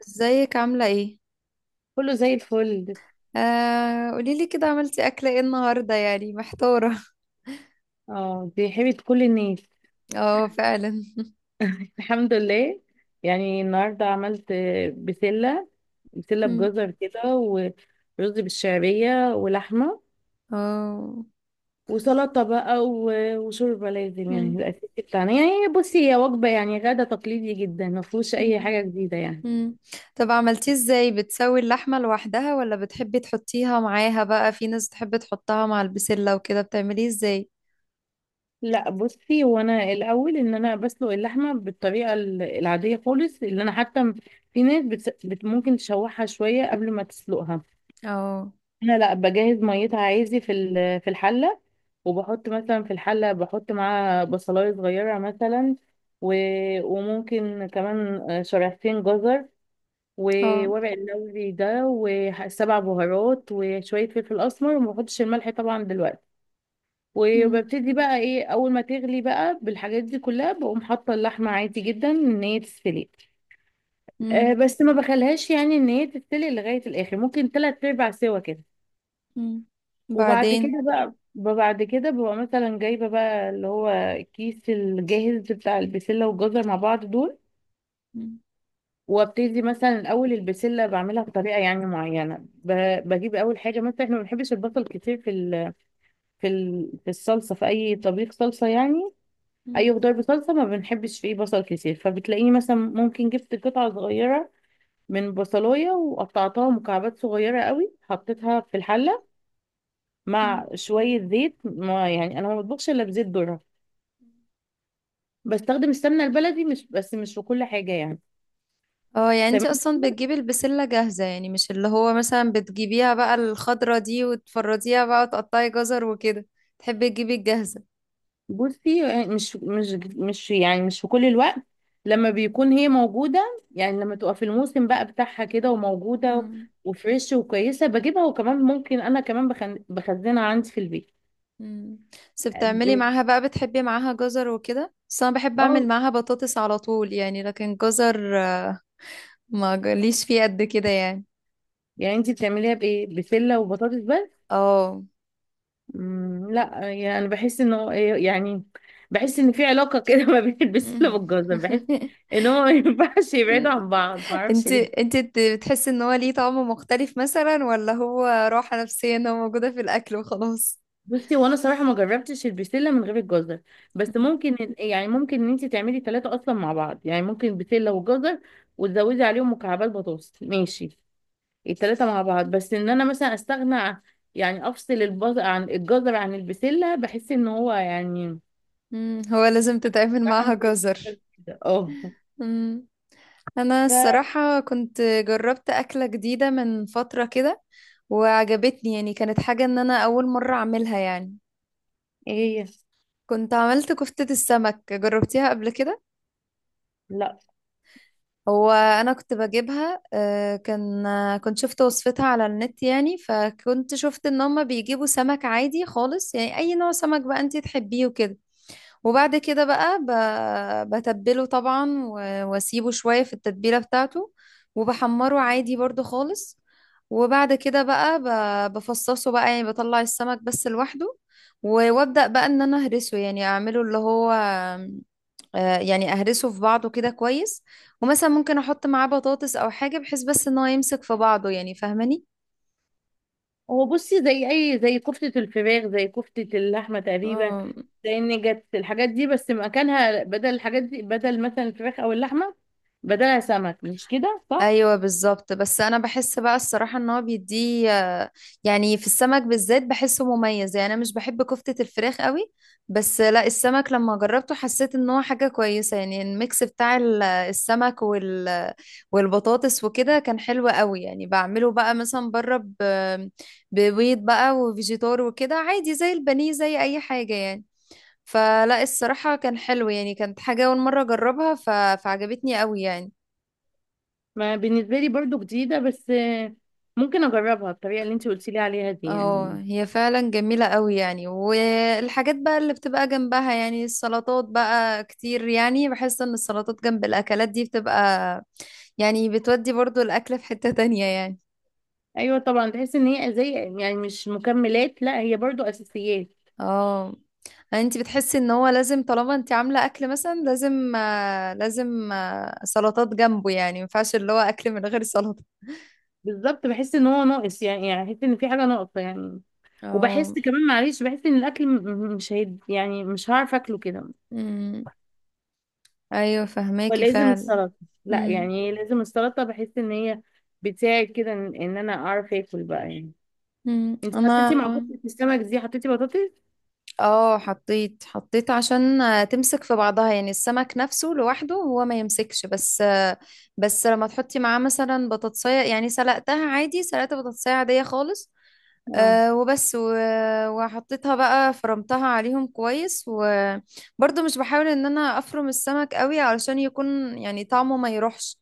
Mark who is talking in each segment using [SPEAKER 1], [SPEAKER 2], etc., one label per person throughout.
[SPEAKER 1] ازيك عاملة ايه؟
[SPEAKER 2] كله زي الفل.
[SPEAKER 1] آه، قوليلي كده عملتي أكلة ايه النهاردة، يعني محتارة.
[SPEAKER 2] اه، دي حبيبة كل الناس.
[SPEAKER 1] اه، فعلا.
[SPEAKER 2] الحمد لله. يعني النهاردة عملت بسلة بسلة
[SPEAKER 1] مم.
[SPEAKER 2] بجزر كده، ورز بالشعرية ولحمة
[SPEAKER 1] اه.
[SPEAKER 2] وسلطة بقى، وشوربة. لازم يعني
[SPEAKER 1] مم.
[SPEAKER 2] الأساسي بتاعنا. يعني بصي، هي وجبة يعني غدا تقليدي جدا، ما فيهوش أي
[SPEAKER 1] مم.
[SPEAKER 2] حاجة جديدة يعني.
[SPEAKER 1] مم. طب عملتيه ازاي؟ بتسوي اللحمة لوحدها ولا بتحبي تحطيها معاها بقى؟ في ناس بتحب تحطها مع البسلة وكده، بتعمليه ازاي؟
[SPEAKER 2] لا بصي، وانا الاول ان انا بسلق اللحمه بالطريقه العاديه خالص، اللي انا حتى في ناس ممكن تشوحها شويه قبل ما تسلقها.
[SPEAKER 1] اه.
[SPEAKER 2] انا لا، بجهز ميتها عادي في في الحله، وبحط مثلا في الحله، بحط معاها بصلايه صغيره مثلا، و... وممكن كمان شريحتين جزر،
[SPEAKER 1] اه.
[SPEAKER 2] وورق اللوزي ده وسبع بهارات وشويه فلفل اسمر، وما بحطش الملح طبعا دلوقتي.
[SPEAKER 1] مم.
[SPEAKER 2] وببتدي بقى ايه، اول ما تغلي بقى بالحاجات دي كلها، بقوم حاطه اللحمه عادي جدا ان هي تستوي. أه
[SPEAKER 1] مم.
[SPEAKER 2] بس ما بخليهاش يعني ان هي تستوي لغايه الاخر، ممكن تلات ارباع سوا كده.
[SPEAKER 1] مم.
[SPEAKER 2] وبعد
[SPEAKER 1] بعدين.
[SPEAKER 2] كده بقى، بعد كده ببقى مثلا جايبة بقى اللي هو الكيس الجاهز بتاع البسلة والجزر مع بعض دول.
[SPEAKER 1] مم.
[SPEAKER 2] وابتدي مثلا الاول البسله، بعملها بطريقه يعني معينه، بجيب اول حاجه. مثلا احنا ما بنحبش البصل كتير في ال في ال في الصلصه، في اي طبيخ صلصه يعني،
[SPEAKER 1] مم.
[SPEAKER 2] اي خضار بصلصه ما بنحبش فيه بصل كتير. فبتلاقيني مثلا ممكن جبت قطعه صغيره من بصلايه، وقطعتها مكعبات صغيره قوي، حطيتها في الحله
[SPEAKER 1] مم.
[SPEAKER 2] مع شويه زيت. ما يعني انا ما بطبخش الا بزيت ذره، بستخدم السمنه البلدي مش بس، مش في كل حاجه يعني.
[SPEAKER 1] اه، يعني انت
[SPEAKER 2] تمام.
[SPEAKER 1] اصلا بتجيبي البسلة جاهزة، يعني مش اللي هو مثلا بتجيبيها بقى الخضرة دي وتفرديها بقى وتقطعي جزر وكده. تحبي تجيبي الجاهزة؟
[SPEAKER 2] بصي يعني، مش يعني مش في كل الوقت. لما بيكون هي موجوده، يعني لما تبقى في الموسم بقى بتاعها كده وموجوده
[SPEAKER 1] مم.
[SPEAKER 2] وفريش وكويسه، بجيبها. وكمان ممكن انا كمان بخزنها عندي في البيت.
[SPEAKER 1] مم. بس
[SPEAKER 2] آه،
[SPEAKER 1] بتعملي
[SPEAKER 2] ب-
[SPEAKER 1] معاها بقى، بتحبي معاها جزر وكده، بس انا بحب
[SPEAKER 2] اه،
[SPEAKER 1] اعمل معاها بطاطس على طول يعني، لكن جزر ما جاليش فيه قد كده يعني.
[SPEAKER 2] يعني انتي بتعمليها بايه؟ بسله وبطاطس بس؟
[SPEAKER 1] اه.
[SPEAKER 2] لا، يعني انا بحس ان هو يعني بحس ان في علاقه كده ما بين البسله
[SPEAKER 1] مم.
[SPEAKER 2] والجزر. بحس ان هو ما ينفعش يبعدوا عن بعض، ما اعرفش.
[SPEAKER 1] انت بتحسي ان هو ليه طعم مختلف مثلا، ولا هو راحة نفسية ان هو موجودة في الاكل وخلاص؟
[SPEAKER 2] بصي، وانا صراحه ما جربتش البسله من غير الجزر. بس ممكن يعني ممكن ان انت تعملي ثلاثه اصلا مع بعض. يعني ممكن بسله وجزر، وتزودي عليهم مكعبات بطاطس ماشي، الثلاثه مع بعض. بس ان انا مثلا يعني افصل البز عن الجزر عن البسله، بحس ان هو يعني.
[SPEAKER 1] مم، هو لازم تتعامل
[SPEAKER 2] صراحة ما
[SPEAKER 1] معاها
[SPEAKER 2] جربتش
[SPEAKER 1] جزر.
[SPEAKER 2] قبل كده. اه.
[SPEAKER 1] مم. انا
[SPEAKER 2] ف
[SPEAKER 1] الصراحة كنت جربت أكلة جديدة من فترة كده وعجبتني، يعني كانت حاجة ان انا اول مرة اعملها يعني.
[SPEAKER 2] ايه هي؟
[SPEAKER 1] كنت عملت كفتة السمك، جربتيها قبل كده؟
[SPEAKER 2] لا
[SPEAKER 1] هو انا كنت بجيبها، كان، كنت شفت وصفتها على النت، يعني فكنت شفت ان هما بيجيبوا سمك عادي خالص، يعني اي نوع سمك بقى انتي تحبيه وكده. وبعد كده بقى بتبله طبعا واسيبه شوية في التتبيلة بتاعته، وبحمره عادي برضو خالص. وبعد كده بقى بفصصه بقى، يعني بطلع السمك بس لوحده، وابدأ بقى ان انا اهرسه، يعني اعمله اللي هو يعني اهرسه في بعضه كده كويس. ومثلا ممكن احط معاه بطاطس او حاجة، بحيث بس ان هو يمسك في بعضه يعني.
[SPEAKER 2] هو بصي زي اي زي كفتة الفراخ زي كفتة اللحمة تقريبا،
[SPEAKER 1] فاهماني؟
[SPEAKER 2] زي النجت الحاجات دي. بس مكانها بدل الحاجات دي، بدل مثلا الفراخ او اللحمة، بدلها سمك. مش كده صح؟
[SPEAKER 1] ايوه بالظبط، بس انا بحس بقى الصراحه ان هو بيديه يعني في السمك بالذات بحسه مميز، يعني انا مش بحب كفته الفراخ قوي. بس لا، السمك لما جربته حسيت ان هو حاجه كويسه، يعني الميكس بتاع السمك والبطاطس وكده كان حلو قوي يعني. بعمله بقى مثلا بره، ببيض بقى وفيجيتار وكده عادي، زي البانيه زي اي حاجه يعني. فلا الصراحه كان حلو يعني، كانت حاجه اول مره اجربها فعجبتني قوي يعني.
[SPEAKER 2] ما بالنسبة لي برضو جديدة، بس ممكن اجربها الطريقة اللي انت قلتي لي عليها دي
[SPEAKER 1] اه،
[SPEAKER 2] يعني.
[SPEAKER 1] هي فعلا جميلة قوي يعني. والحاجات بقى اللي بتبقى جنبها يعني السلطات بقى كتير، يعني بحس ان السلطات جنب الاكلات دي بتبقى، يعني بتودي برضو الاكل في حتة تانية يعني.
[SPEAKER 2] ايوه طبعا، تحس ان هي زي يعني مش مكملات، لا هي برضو اساسيات.
[SPEAKER 1] اه. انت بتحسي ان هو لازم طالما انت عاملة اكل مثلا، لازم سلطات جنبه، يعني ما ينفعش اللي هو اكل من غير سلطة؟
[SPEAKER 2] بالظبط، بحس ان هو ناقص يعني، يعني بحس ان في حاجة ناقصة يعني. وبحس
[SPEAKER 1] اه.
[SPEAKER 2] كمان معلش، بحس ان الاكل مش هيد يعني، مش هعرف اكله كده.
[SPEAKER 1] أمم. ايوه فهماكي
[SPEAKER 2] ولازم
[SPEAKER 1] فعلا.
[SPEAKER 2] السلطة، لا
[SPEAKER 1] أمم.
[SPEAKER 2] يعني إيه، لازم السلطة. بحس ان هي بتساعد كده ان إن انا اعرف اكل بقى يعني.
[SPEAKER 1] أمم.
[SPEAKER 2] انت حطيتي
[SPEAKER 1] انا.
[SPEAKER 2] مع كفتة السمك دي حطيتي بطاطس؟
[SPEAKER 1] اه، حطيت عشان تمسك في بعضها، يعني السمك نفسه لوحده هو ما يمسكش، بس بس لما تحطي معاه مثلا بطاطساية، يعني سلقتها عادي، سلقت بطاطساية عادية خالص.
[SPEAKER 2] اه.
[SPEAKER 1] أه وبس وحطيتها بقى، فرمتها عليهم كويس، وبرضه مش بحاول ان انا افرم السمك قوي علشان يكون يعني طعمه ما يروحش.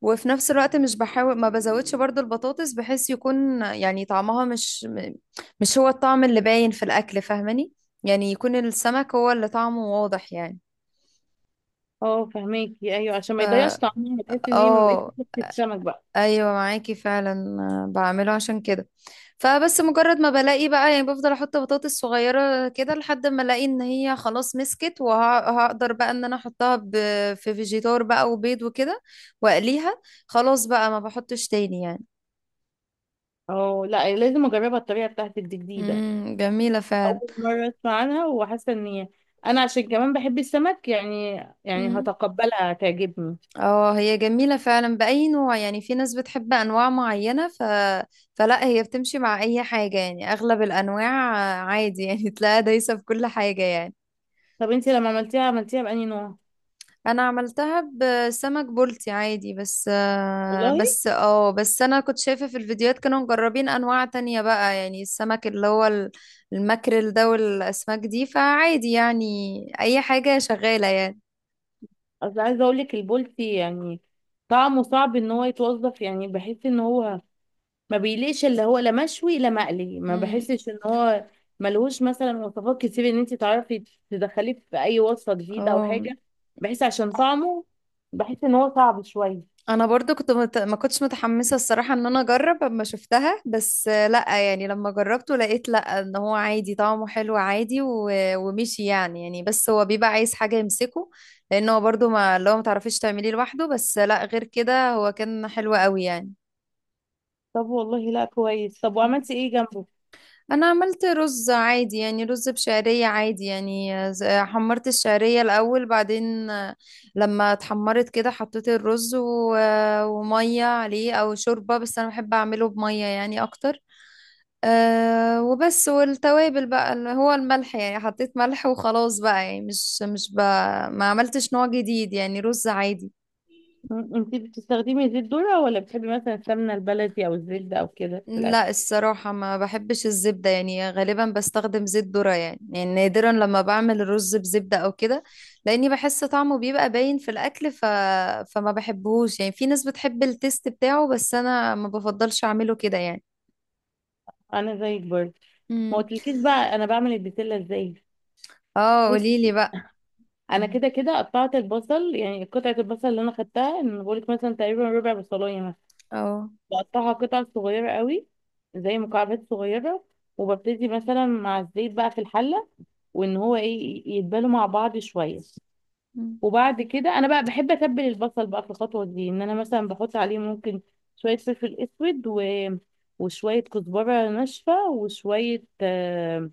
[SPEAKER 1] وفي نفس الوقت مش بحاول، ما بزودش برضه البطاطس بحيث يكون يعني طعمها مش مش هو الطعم اللي باين في الاكل. فاهماني؟ يعني يكون السمك هو اللي طعمه واضح يعني.
[SPEAKER 2] اه فهماكي، ايوه عشان
[SPEAKER 1] ف
[SPEAKER 2] ما يضيعش طعمها، تحس ان هي ما بقتش
[SPEAKER 1] اه.
[SPEAKER 2] كفتة سمك بقى.
[SPEAKER 1] ايوه معاكي فعلا. بعمله عشان كده، فبس مجرد ما بلاقي بقى، يعني بفضل احط بطاطس صغيره كده لحد ما الاقي ان هي خلاص مسكت، وهقدر بقى ان انا احطها في فيجيتار بقى وبيض وكده، واقليها. خلاص بقى ما بحطش تاني يعني.
[SPEAKER 2] اه، لا لازم اجربها الطريقة بتاعتك دي جديدة.
[SPEAKER 1] جميله فعلا.
[SPEAKER 2] اول مرة اسمع عنها وحاسة ان هي، انا عشان كمان بحب السمك يعني، يعني
[SPEAKER 1] مم.
[SPEAKER 2] هتقبلها هتعجبني.
[SPEAKER 1] اه، هي جميله فعلا باي نوع يعني، في ناس بتحب انواع معينه فلا هي بتمشي مع اي حاجه، يعني اغلب الانواع عادي يعني. تلاقيها دايسه في كل حاجه يعني.
[SPEAKER 2] طب انت لما عملتيها عملتيها بأنهي نوع؟
[SPEAKER 1] انا عملتها بسمك بلطي عادي، بس آه،
[SPEAKER 2] والله
[SPEAKER 1] بس اه بس انا كنت شايفة في الفيديوهات كانوا مجربين انواع تانية بقى، يعني السمك اللي هو الماكريل ده والاسماك دي، فعادي يعني. اي حاجة شغالة يعني.
[SPEAKER 2] اصل عايزه اقول لك، البولتي يعني طعمه صعب ان هو يتوظف. يعني بحس ان هو ما بيليقش اللي هو لا مشوي لا مقلي، ما
[SPEAKER 1] مم.
[SPEAKER 2] بحسش ان هو ملهوش مثلا وصفات كتير ان انت تعرفي تدخليه في اي وصفه جديده او
[SPEAKER 1] اه،
[SPEAKER 2] حاجه. بحس عشان طعمه، بحس ان هو صعب شويه.
[SPEAKER 1] انا برضو كنت ما كنتش متحمسه الصراحه ان انا اجرب اما شفتها، بس لا يعني لما جربته لقيت لا، ان هو عادي طعمه حلو عادي ومشي يعني بس هو بيبقى عايز حاجه يمسكه، لان هو برضو ما اللي هو ما تعرفيش تعمليه لوحده، بس لا غير كده هو كان حلو قوي يعني.
[SPEAKER 2] طب والله لا كويس. طب وعملتي ايه جنبه؟
[SPEAKER 1] انا عملت رز عادي يعني، رز بشعرية عادي يعني، حمرت الشعرية الاول، بعدين لما اتحمرت كده حطيت الرز ومية عليه او شوربة، بس انا بحب اعمله بمية يعني اكتر. أه وبس، والتوابل بقى اللي هو الملح يعني، حطيت ملح وخلاص بقى، يعني مش بقى، ما عملتش نوع جديد يعني، رز عادي.
[SPEAKER 2] انت بتستخدمي زيت ذرة ولا بتحبي مثلا السمنه البلدي او الزبده او كده في
[SPEAKER 1] لا
[SPEAKER 2] الاكل؟
[SPEAKER 1] الصراحة ما بحبش الزبدة، يعني غالبا بستخدم زيت ذرة، يعني يعني نادرا لما بعمل الرز بزبدة أو كده، لأني بحس طعمه بيبقى باين في الأكل فما بحبهوش يعني، في ناس بتحب التيست بتاعه بس أنا ما بفضلش أعمله كده يعني.
[SPEAKER 2] انا زيك برضه. ما
[SPEAKER 1] امم.
[SPEAKER 2] قلتلكيش بقى انا بعمل البسله ازاي.
[SPEAKER 1] اه، قوليلي بقى.
[SPEAKER 2] انا
[SPEAKER 1] مم.
[SPEAKER 2] كده كده قطعت البصل، يعني قطعه البصل اللي انا خدتها ان بقولك مثلا تقريبا ربع بصلايه مثلا،
[SPEAKER 1] اه.
[SPEAKER 2] بقطعها قطع صغيره قوي، زي مكعبات صغيره. وببتدي مثلا مع الزيت بقى في الحله، وان هو ايه، يتبالوا مع بعض شويه.
[SPEAKER 1] مم.
[SPEAKER 2] وبعد كده انا بقى بحب اتبل البصل بقى في الخطوه دي، ان انا مثلا بحط عليه ممكن شويه فلفل اسود، وشويه كزبره ناشفه، وشويه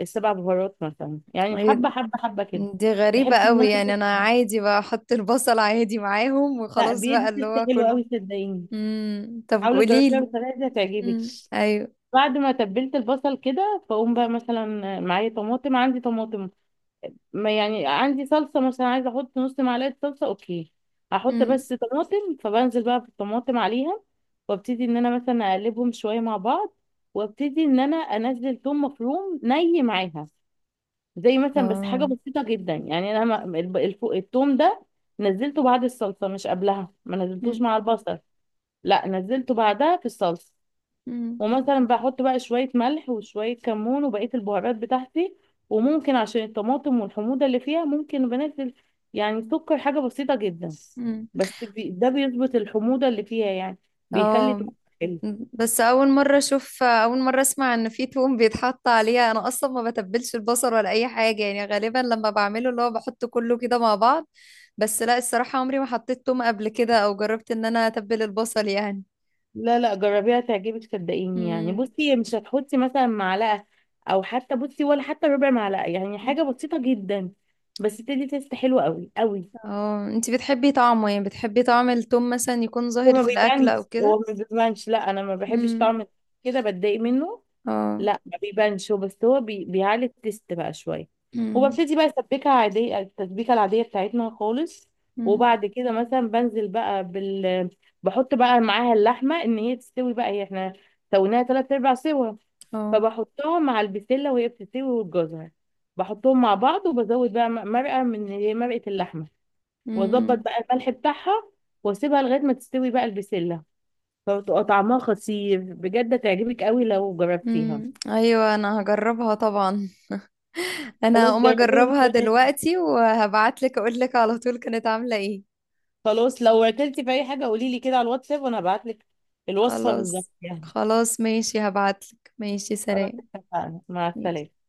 [SPEAKER 2] السبع بهارات مثلا، يعني
[SPEAKER 1] إيه،
[SPEAKER 2] حبه حبه حبه كده.
[SPEAKER 1] دي غريبة
[SPEAKER 2] بحب ان
[SPEAKER 1] قوي
[SPEAKER 2] انا،
[SPEAKER 1] يعني، أنا عادي بقى أحط البصل عادي معاهم
[SPEAKER 2] لا
[SPEAKER 1] وخلاص بقى
[SPEAKER 2] بيدي
[SPEAKER 1] اللي
[SPEAKER 2] تست
[SPEAKER 1] هو
[SPEAKER 2] حلوة
[SPEAKER 1] كله.
[SPEAKER 2] قوي صدقيني.
[SPEAKER 1] امم، طب
[SPEAKER 2] حاولي تجربيها
[SPEAKER 1] قوليلي.
[SPEAKER 2] بالطريقة دي هتعجبك.
[SPEAKER 1] امم، أيوه.
[SPEAKER 2] بعد ما تبلت البصل كده، فاقوم بقى مثلا، معايا طماطم، عندي طماطم ما يعني. عندي صلصة مثلا، عايزة احط نص معلقة صلصة اوكي، هحط
[SPEAKER 1] امم.
[SPEAKER 2] بس طماطم. فبنزل بقى في الطماطم عليها، وابتدي ان انا مثلا اقلبهم شوية مع بعض، وابتدي ان انا انزل ثوم مفروم ني معاها، زي مثلا، بس حاجة
[SPEAKER 1] اه.
[SPEAKER 2] بسيطة جدا يعني. انا الثوم ده نزلته بعد الصلصة، مش قبلها ما نزلتوش مع البصل، لا نزلته بعدها في الصلصه.
[SPEAKER 1] مم.
[SPEAKER 2] ومثلا بحط بقى شويه ملح وشويه كمون وبقيه البهارات بتاعتي. وممكن عشان الطماطم والحموضه اللي فيها، ممكن بنزل يعني سكر حاجه بسيطه جدا.
[SPEAKER 1] مم.
[SPEAKER 2] بس بي ده بيظبط الحموضه اللي فيها يعني، بيخلي
[SPEAKER 1] اه،
[SPEAKER 2] طعمها حلو.
[SPEAKER 1] بس اول مره اشوف، اول مره اسمع ان في توم بيتحط عليها، انا اصلا ما بتبلش البصل ولا اي حاجه يعني، غالبا لما بعمله اللي هو بحط كله كده مع بعض. بس لا الصراحه عمري ما حطيت توم قبل كده، او جربت ان انا اتبل البصل يعني.
[SPEAKER 2] لا لا جربيها تعجبك صدقيني. يعني
[SPEAKER 1] مم.
[SPEAKER 2] بصي مش هتحطي مثلا معلقه، او حتى بصي ولا حتى ربع معلقه، يعني
[SPEAKER 1] مم.
[SPEAKER 2] حاجه بسيطه جدا، بس تدي تيست حلو قوي قوي.
[SPEAKER 1] اه، انتي بتحبي طعمه يعني، بتحبي طعم التوم مثلا يكون
[SPEAKER 2] هو
[SPEAKER 1] ظاهر
[SPEAKER 2] ما
[SPEAKER 1] في الاكل او
[SPEAKER 2] بيبانش، هو
[SPEAKER 1] كده؟
[SPEAKER 2] ما بيبانش لا، انا ما بحبش
[SPEAKER 1] امم.
[SPEAKER 2] طعم كده بتضايق منه.
[SPEAKER 1] اه.
[SPEAKER 2] لا ما بيبانش هو، بس هو بيعلي التست بقى شويه.
[SPEAKER 1] امم.
[SPEAKER 2] وببتدي بقى اسبكها عاديه، التسبيكه العاديه بتاعتنا خالص.
[SPEAKER 1] امم.
[SPEAKER 2] وبعد كده مثلا بنزل بقى بحط بقى معاها اللحمه ان هي تستوي بقى، هي احنا سويناها تلات ارباع سوا.
[SPEAKER 1] اه.
[SPEAKER 2] فبحطها مع البسله وهي بتستوي، والجزر بحطهم مع بعض، وبزود بقى مرقه من اللي هي مرقه اللحمه، واظبط
[SPEAKER 1] امم.
[SPEAKER 2] بقى الملح بتاعها، واسيبها لغايه ما تستوي بقى البسله. فبتبقى طعمها خطير بجد، هتعجبك قوي لو جربتيها.
[SPEAKER 1] امم، ايوه، انا هجربها طبعا. انا
[SPEAKER 2] خلاص
[SPEAKER 1] هقوم
[SPEAKER 2] جربيها
[SPEAKER 1] اجربها
[SPEAKER 2] بالطريقة دي.
[SPEAKER 1] دلوقتي وهبعتلك اقولك على طول كانت عاملة ايه.
[SPEAKER 2] خلاص لو اكلتي في اي حاجه قولي لي كده على الواتساب، وانا هبعت لك الوصفه بالظبط
[SPEAKER 1] خلاص.
[SPEAKER 2] يعني.
[SPEAKER 1] خلاص، ماشي، هبعتلك. ماشي،
[SPEAKER 2] خلاص
[SPEAKER 1] سلام.
[SPEAKER 2] اتفقنا، مع السلامه.